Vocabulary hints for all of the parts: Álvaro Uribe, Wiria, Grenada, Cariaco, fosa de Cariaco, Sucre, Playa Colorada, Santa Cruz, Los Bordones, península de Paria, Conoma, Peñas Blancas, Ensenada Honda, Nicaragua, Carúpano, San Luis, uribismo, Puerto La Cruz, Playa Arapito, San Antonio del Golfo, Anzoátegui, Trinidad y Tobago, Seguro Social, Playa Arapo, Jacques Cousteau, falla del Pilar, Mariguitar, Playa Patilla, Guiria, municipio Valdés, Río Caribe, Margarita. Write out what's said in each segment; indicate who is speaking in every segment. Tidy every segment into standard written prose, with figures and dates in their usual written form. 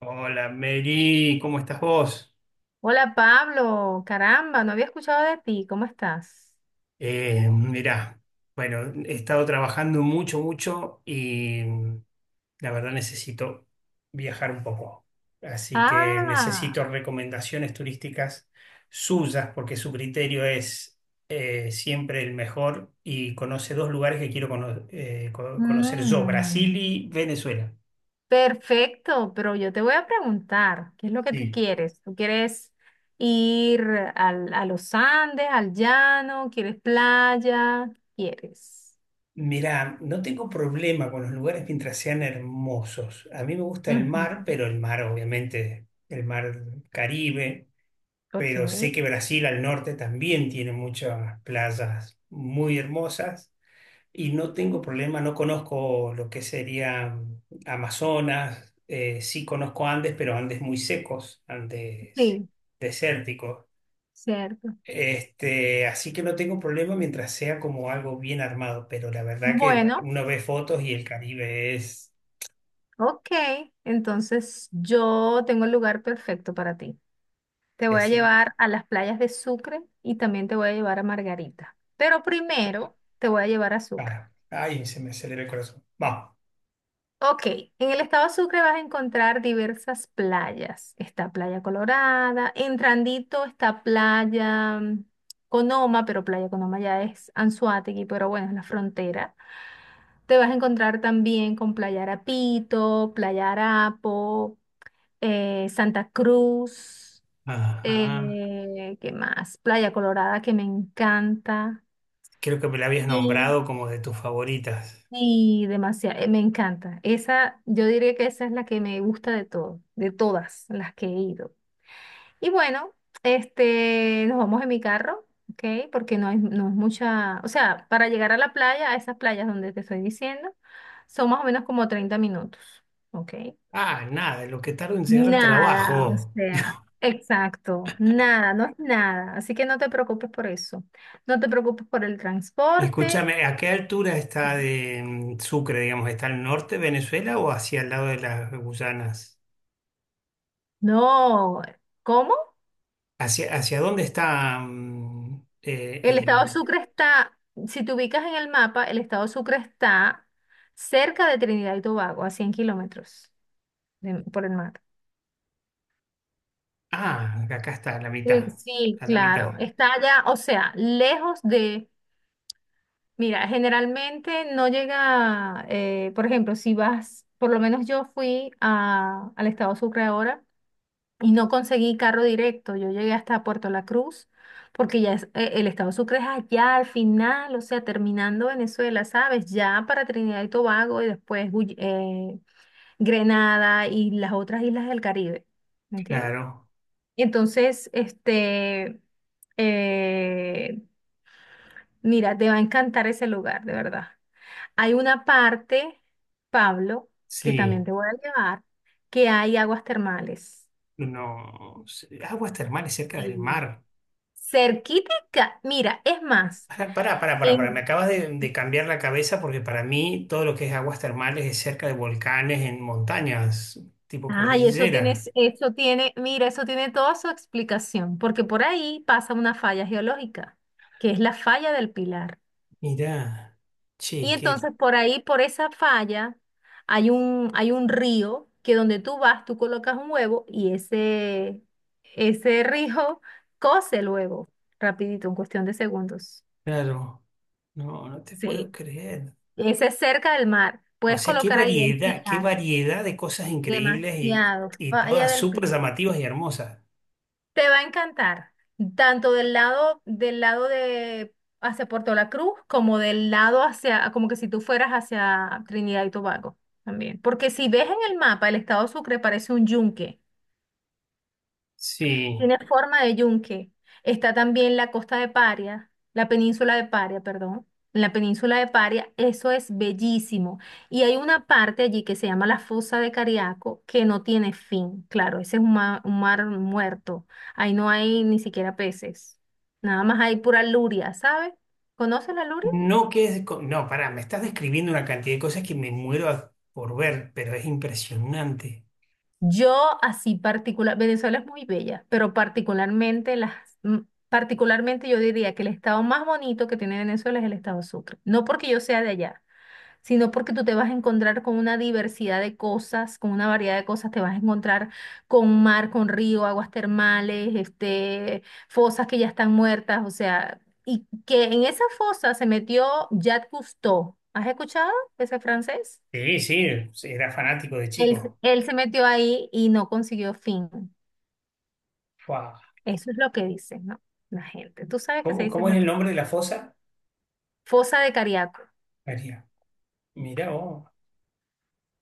Speaker 1: Hola, Mary, ¿cómo estás vos?
Speaker 2: Hola, Pablo, caramba, no había escuchado de ti, ¿cómo estás?
Speaker 1: Mirá, bueno, he estado trabajando mucho, mucho y. La verdad necesito viajar un poco. Así que
Speaker 2: Ah,
Speaker 1: necesito recomendaciones turísticas suyas porque su criterio es, siempre el mejor, y conoce dos lugares que quiero conocer yo, Brasil
Speaker 2: mm,
Speaker 1: y Venezuela.
Speaker 2: perfecto, pero yo te voy a preguntar, ¿qué es lo que tú
Speaker 1: Sí.
Speaker 2: quieres? ¿Tú quieres ir a los Andes, al llano? ¿Quieres playa? ¿Quieres?
Speaker 1: Mirá, no tengo problema con los lugares mientras sean hermosos. A mí me gusta el mar,
Speaker 2: Ujú,
Speaker 1: pero el mar, obviamente, el mar Caribe,
Speaker 2: ok,
Speaker 1: pero sé que Brasil al norte también tiene muchas playas muy hermosas, y no tengo problema, no conozco lo que sería Amazonas. Sí conozco Andes, pero Andes muy secos, Andes
Speaker 2: sí,
Speaker 1: desérticos.
Speaker 2: cierto.
Speaker 1: Este, así que no tengo problema mientras sea como algo bien armado, pero la verdad que
Speaker 2: Bueno,
Speaker 1: uno ve fotos y el Caribe es,
Speaker 2: ok, entonces yo tengo el lugar perfecto para ti. Te voy a
Speaker 1: decime,
Speaker 2: llevar a las playas de Sucre y también te voy a llevar a Margarita. Pero primero te voy a llevar a Sucre.
Speaker 1: para, ay, se me acelera el corazón. Vamos.
Speaker 2: Ok, en el estado de Sucre vas a encontrar diversas playas. Está Playa Colorada, entrandito está Playa Conoma, pero Playa Conoma ya es Anzoátegui, pero bueno, es la frontera. Te vas a encontrar también con Playa Arapito, Playa Arapo, Santa Cruz.
Speaker 1: Ajá.
Speaker 2: ¿Qué más? Playa Colorada, que me encanta.
Speaker 1: Creo que me la habías
Speaker 2: Sí.
Speaker 1: nombrado como de tus favoritas.
Speaker 2: Y demasiado, me encanta. Esa, yo diría que esa es la que me gusta de todo, de todas las que he ido. Y bueno, nos vamos en mi carro, ¿ok? Porque no hay, no es mucha, o sea, para llegar a la playa, a esas playas donde te estoy diciendo, son más o menos como 30 minutos, ¿ok?
Speaker 1: Ah, nada, lo que tardo en llegar al
Speaker 2: Nada, o
Speaker 1: trabajo.
Speaker 2: sea, exacto, nada, no es nada. Así que no te preocupes por eso. No te preocupes por el transporte.
Speaker 1: Escúchame, ¿a qué altura está de Sucre, digamos? ¿Está al norte de Venezuela o hacia el lado de las Guyanas?
Speaker 2: No, ¿cómo?
Speaker 1: ¿Hacia, hacia dónde está mm,
Speaker 2: El
Speaker 1: eh,
Speaker 2: estado Sucre está, si te ubicas en el mapa, el estado Sucre está cerca de Trinidad y Tobago, a 100 kilómetros por el mar.
Speaker 1: Ah, acá está, a la
Speaker 2: Eh,
Speaker 1: mitad.
Speaker 2: Sí,
Speaker 1: A la
Speaker 2: claro,
Speaker 1: mitad,
Speaker 2: está allá, o sea, lejos de. Mira, generalmente no llega, por ejemplo, si vas, por lo menos yo fui al estado Sucre ahora y no conseguí carro directo, yo llegué hasta Puerto La Cruz, porque ya el estado Sucre es allá al final, o sea, terminando Venezuela, ¿sabes? Ya para Trinidad y Tobago y después Grenada y las otras islas del Caribe, ¿me entiendes?
Speaker 1: claro.
Speaker 2: Entonces, eh, mira, te va a encantar ese lugar, de verdad. Hay una parte, Pablo, que
Speaker 1: Sí,
Speaker 2: también te voy a llevar, que hay aguas termales.
Speaker 1: no. Sí, aguas termales cerca del
Speaker 2: Y
Speaker 1: mar.
Speaker 2: Cerquítica, mira, es más,
Speaker 1: Pará, pará, pará, pará, pará, me
Speaker 2: en-
Speaker 1: acabas de cambiar la cabeza porque para mí todo lo que es aguas termales es cerca de volcanes, en montañas, tipo
Speaker 2: ay,
Speaker 1: cordillera.
Speaker 2: eso tiene, mira, eso tiene toda su explicación, porque por ahí pasa una falla geológica, que es la falla del Pilar.
Speaker 1: Mirá,
Speaker 2: Y
Speaker 1: che, qué
Speaker 2: entonces por ahí, por esa falla, hay un río que donde tú vas, tú colocas un huevo y ese rijo cose el huevo rapidito, en cuestión de segundos.
Speaker 1: claro. No, no te puedo
Speaker 2: Sí,
Speaker 1: creer.
Speaker 2: ese es cerca del mar.
Speaker 1: O
Speaker 2: Puedes
Speaker 1: sea,
Speaker 2: colocar ahí el
Speaker 1: qué
Speaker 2: pilar,
Speaker 1: variedad de cosas increíbles,
Speaker 2: demasiado,
Speaker 1: y
Speaker 2: falla
Speaker 1: todas
Speaker 2: del
Speaker 1: súper
Speaker 2: pilar.
Speaker 1: llamativas y hermosas.
Speaker 2: Te va a encantar, tanto del lado de hacia Puerto La Cruz como del lado hacia, como que si tú fueras hacia Trinidad y Tobago también. Porque si ves en el mapa, el estado Sucre parece un yunque.
Speaker 1: Sí.
Speaker 2: Tiene forma de yunque. Está también la costa de Paria, la península de Paria, perdón. En la península de Paria, eso es bellísimo. Y hay una parte allí que se llama la fosa de Cariaco, que no tiene fin. Claro, ese es un mar, muerto. Ahí no hay ni siquiera peces. Nada más hay pura luria, ¿sabes? ¿Conoces la luria?
Speaker 1: No, que es, no, pará, me estás describiendo una cantidad de cosas que me muero por ver, pero es impresionante.
Speaker 2: Yo así particular, Venezuela es muy bella, pero particularmente mm, particularmente yo diría que el estado más bonito que tiene Venezuela es el estado Sucre. No porque yo sea de allá, sino porque tú te vas a encontrar con una diversidad de cosas, con una variedad de cosas, te vas a encontrar con mar, con río, aguas termales, fosas que ya están muertas, o sea, y que en esa fosa se metió Jacques Cousteau. ¿Has escuchado ese francés?
Speaker 1: Sí, sí, sí, era fanático de
Speaker 2: Él,
Speaker 1: chico.
Speaker 2: él se metió ahí y no consiguió fin.
Speaker 1: Fua.
Speaker 2: Eso es lo que dicen, ¿no? La gente. Tú sabes que se
Speaker 1: ¿Cómo,
Speaker 2: dice,
Speaker 1: cómo es el
Speaker 2: Nata.
Speaker 1: nombre de la fosa?
Speaker 2: Fosa de Cariaco.
Speaker 1: María. Mirá vos.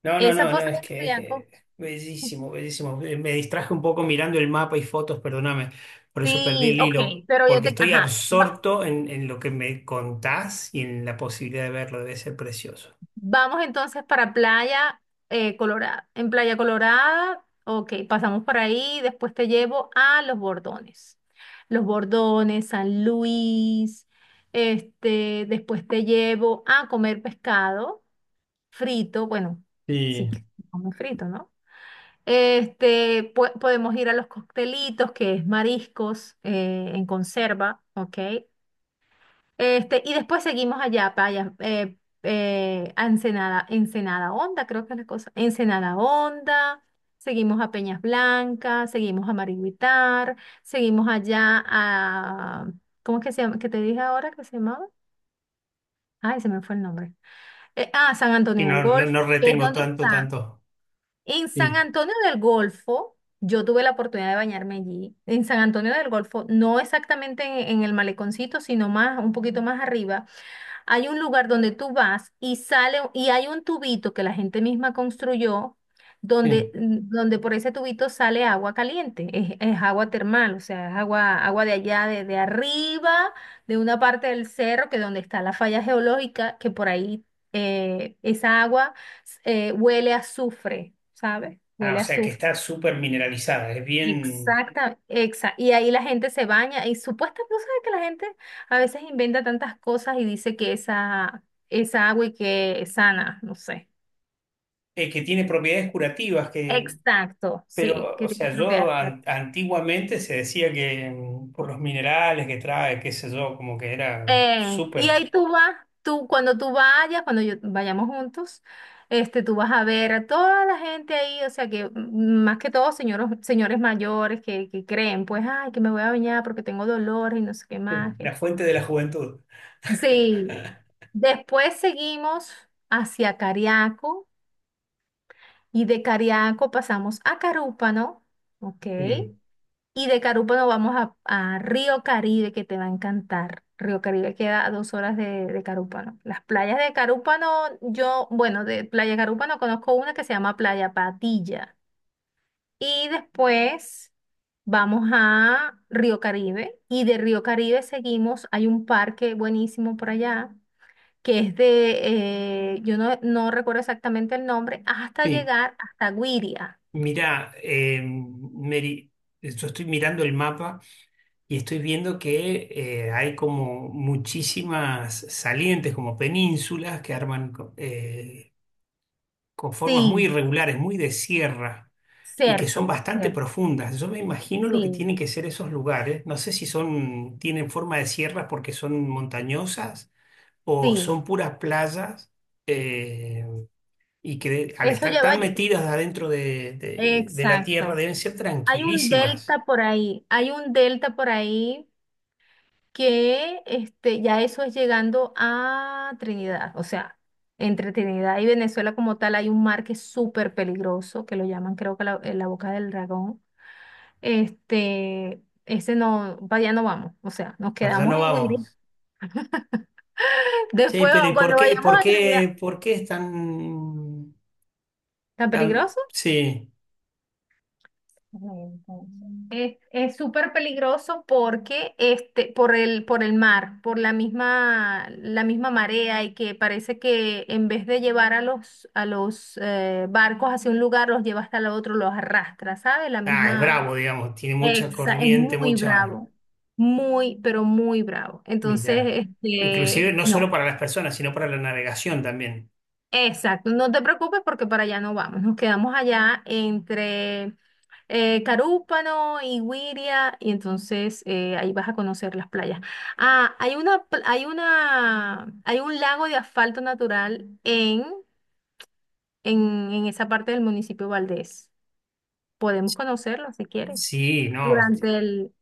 Speaker 1: No, no,
Speaker 2: Esa
Speaker 1: no, no,
Speaker 2: fosa
Speaker 1: es
Speaker 2: de
Speaker 1: que es,
Speaker 2: Cariaco.
Speaker 1: bellísimo, bellísimo. Me distraje un poco mirando el mapa y fotos, perdóname, por eso perdí
Speaker 2: Sí,
Speaker 1: el
Speaker 2: ok,
Speaker 1: hilo,
Speaker 2: pero yo
Speaker 1: porque
Speaker 2: te.
Speaker 1: estoy
Speaker 2: Ajá. va-
Speaker 1: absorto en lo que me contás y en la posibilidad de verlo, debe ser precioso.
Speaker 2: vamos entonces para Playa Colorada. En Playa Colorada, ok, pasamos por ahí, después te llevo a Los Bordones. Los Bordones, San Luis, después te llevo a comer pescado frito, bueno, sí,
Speaker 1: Sí.
Speaker 2: que come frito, ¿no? Podemos ir a los coctelitos, que es mariscos en conserva, ¿ok? Y después seguimos allá, para allá, a Ensenada, Ensenada Honda, creo que es la cosa. Ensenada Honda, seguimos a Peñas Blancas, seguimos a Mariguitar, seguimos allá a. ¿Cómo es que se llama? ¿Qué te dije ahora que se llamaba? Ay, se me fue el nombre. Ah, San
Speaker 1: Y
Speaker 2: Antonio del
Speaker 1: no, no,
Speaker 2: Golfo,
Speaker 1: no
Speaker 2: que es
Speaker 1: retengo
Speaker 2: donde
Speaker 1: tanto,
Speaker 2: está.
Speaker 1: tanto.
Speaker 2: En San
Speaker 1: Sí.
Speaker 2: Antonio del Golfo, yo tuve la oportunidad de bañarme allí. En San Antonio del Golfo, no exactamente en el maleconcito, sino más, un poquito más arriba. Hay un lugar donde tú vas y sale y hay un tubito que la gente misma construyó donde,
Speaker 1: Sí.
Speaker 2: mm, donde por ese tubito sale agua caliente, es agua termal, o sea, es agua de allá, de arriba, de una parte del cerro, que donde está la falla geológica, que por ahí esa agua huele a azufre, ¿sabes?
Speaker 1: Ah, o
Speaker 2: Huele a
Speaker 1: sea que
Speaker 2: azufre.
Speaker 1: está súper mineralizada, es bien,
Speaker 2: Exacta, y ahí la gente se baña y supuestamente, ¿no sabes que la gente a veces inventa tantas cosas y dice que esa agua y que es sana? No sé.
Speaker 1: que tiene propiedades curativas, que,
Speaker 2: Exacto, sí,
Speaker 1: pero, o
Speaker 2: que tiene
Speaker 1: sea, yo
Speaker 2: propiedades curativas.
Speaker 1: antiguamente se decía que, por los minerales que trae, qué sé yo, como que era
Speaker 2: Y ahí
Speaker 1: súper,
Speaker 2: tú vas, tú cuando tú vayas, cuando vayamos juntos, tú vas a ver a toda la gente ahí, o sea que más que todo señores, señores mayores que creen, pues, ay, que me voy a bañar porque tengo dolores y no sé qué más.
Speaker 1: la fuente de la juventud.
Speaker 2: Sí. Después seguimos hacia Cariaco y de Cariaco pasamos a Carúpano, ¿ok?
Speaker 1: Sí,
Speaker 2: Y de Carúpano vamos a Río Caribe, que te va a encantar. Río Caribe queda a 2 horas de Carúpano. Las playas de Carúpano, yo, bueno, de Playa Carúpano conozco una que se llama Playa Patilla. Y después vamos a Río Caribe y de Río Caribe seguimos, hay un parque buenísimo por allá que es de, yo no recuerdo exactamente el nombre, hasta
Speaker 1: sí.
Speaker 2: llegar hasta Guiria.
Speaker 1: Mirá, Mary, yo estoy mirando el mapa y estoy viendo que, hay como muchísimas salientes, como penínsulas que arman con formas muy
Speaker 2: Sí,
Speaker 1: irregulares, muy de sierra, y que son
Speaker 2: cierto,
Speaker 1: bastante
Speaker 2: cierto.
Speaker 1: profundas. Yo me imagino lo que
Speaker 2: Sí,
Speaker 1: tienen que ser esos lugares. No sé si son, tienen forma de sierra porque son montañosas o
Speaker 2: sí.
Speaker 1: son puras playas. eh, y que al
Speaker 2: Eso
Speaker 1: estar
Speaker 2: lleva,
Speaker 1: tan metidas adentro de la tierra
Speaker 2: exacto.
Speaker 1: deben ser tranquilísimas.
Speaker 2: Hay un delta por ahí que ya eso es llegando a Trinidad, o sea, entre Trinidad y Venezuela como tal hay un mar que es súper peligroso, que lo llaman creo que la boca del dragón. Ese no, para allá no vamos. O sea, nos
Speaker 1: Para allá
Speaker 2: quedamos
Speaker 1: no
Speaker 2: en Guiri.
Speaker 1: vamos. Sí,
Speaker 2: Después,
Speaker 1: pero ¿y por
Speaker 2: cuando
Speaker 1: qué,
Speaker 2: vayamos
Speaker 1: por
Speaker 2: a terminar,
Speaker 1: qué, por qué es tan,
Speaker 2: ¿tan
Speaker 1: tan,
Speaker 2: peligroso?
Speaker 1: sí,
Speaker 2: Es súper peligroso porque por por el mar, por la misma marea y que parece que en vez de llevar a los barcos hacia un lugar, los lleva hasta el otro, los arrastra, ¿sabes? La
Speaker 1: ah, es
Speaker 2: misma.
Speaker 1: bravo, digamos, tiene mucha
Speaker 2: Es
Speaker 1: corriente,
Speaker 2: muy
Speaker 1: mucha...
Speaker 2: bravo, muy, pero muy bravo.
Speaker 1: Mira,
Speaker 2: Entonces,
Speaker 1: inclusive no
Speaker 2: no.
Speaker 1: solo para las personas, sino para la navegación también.
Speaker 2: Exacto, no te preocupes porque para allá no vamos, nos quedamos allá entre Carúpano y Güiria y entonces ahí vas a conocer las playas. Ah, hay una, pl- hay una, hay un lago de asfalto natural en esa parte del municipio Valdés. Podemos conocerlo si quieres.
Speaker 1: Sí, no, hostia,
Speaker 2: Durante el.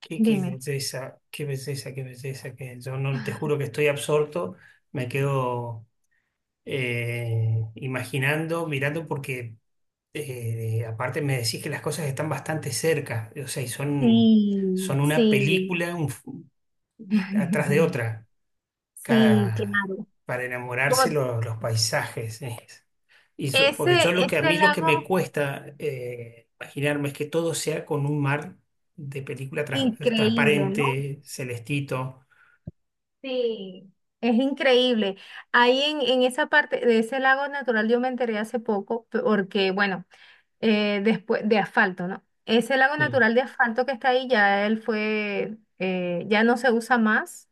Speaker 1: qué, qué
Speaker 2: Dime.
Speaker 1: belleza, qué belleza, qué belleza, que yo no te juro que estoy absorto, me quedo imaginando, mirando, porque, aparte me decís que las cosas están bastante cerca, o sea, y son,
Speaker 2: Sí,
Speaker 1: son una
Speaker 2: sí.
Speaker 1: película un atrás de otra,
Speaker 2: Sí,
Speaker 1: cada,
Speaker 2: claro.
Speaker 1: para enamorarse
Speaker 2: Como
Speaker 1: los paisajes. Y porque yo
Speaker 2: ese,
Speaker 1: lo que a
Speaker 2: este
Speaker 1: mí lo que me
Speaker 2: lago
Speaker 1: cuesta imaginarme es que todo sea con un mar de película
Speaker 2: increíble, ¿no?
Speaker 1: transparente, celestito.
Speaker 2: Sí, es increíble. Ahí en esa parte de ese lago natural yo me enteré hace poco, porque bueno, después de asfalto, ¿no? Ese lago
Speaker 1: Sí,
Speaker 2: natural de asfalto que está ahí ya no se usa más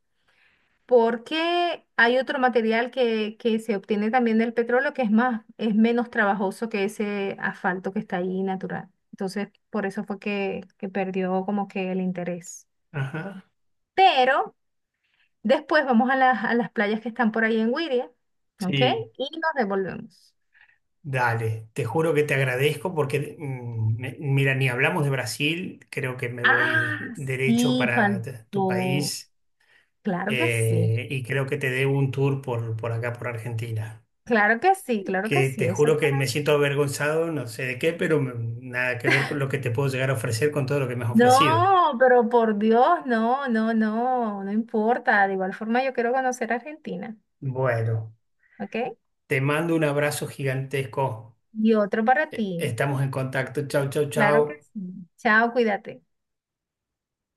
Speaker 2: porque hay otro material que se obtiene también del petróleo que es más, es menos trabajoso que ese asfalto que está ahí natural. Entonces, por eso fue que perdió como que el interés.
Speaker 1: ajá,
Speaker 2: Pero después vamos a las, playas que están por ahí en Wiria, ¿ok?
Speaker 1: sí.
Speaker 2: Y nos devolvemos.
Speaker 1: Dale, te juro que te agradezco porque, mira, ni hablamos de Brasil, creo que me voy
Speaker 2: Ah,
Speaker 1: derecho
Speaker 2: sí,
Speaker 1: para tu
Speaker 2: faltó.
Speaker 1: país.
Speaker 2: Claro que sí,
Speaker 1: Y creo que te debo un tour por acá, por Argentina.
Speaker 2: claro que sí, claro que
Speaker 1: Que
Speaker 2: sí,
Speaker 1: te
Speaker 2: eso
Speaker 1: juro
Speaker 2: está
Speaker 1: que me
Speaker 2: ahí.
Speaker 1: siento avergonzado, no sé de qué, nada que ver con lo que te puedo llegar a ofrecer con todo lo que me has ofrecido.
Speaker 2: No, pero por Dios, no, no, no, no importa. De igual forma, yo quiero conocer Argentina,
Speaker 1: Bueno,
Speaker 2: ¿ok?
Speaker 1: te mando un abrazo gigantesco.
Speaker 2: Y otro para ti,
Speaker 1: Estamos en contacto. Chau, chau,
Speaker 2: claro que
Speaker 1: chau.
Speaker 2: sí. Chao, cuídate.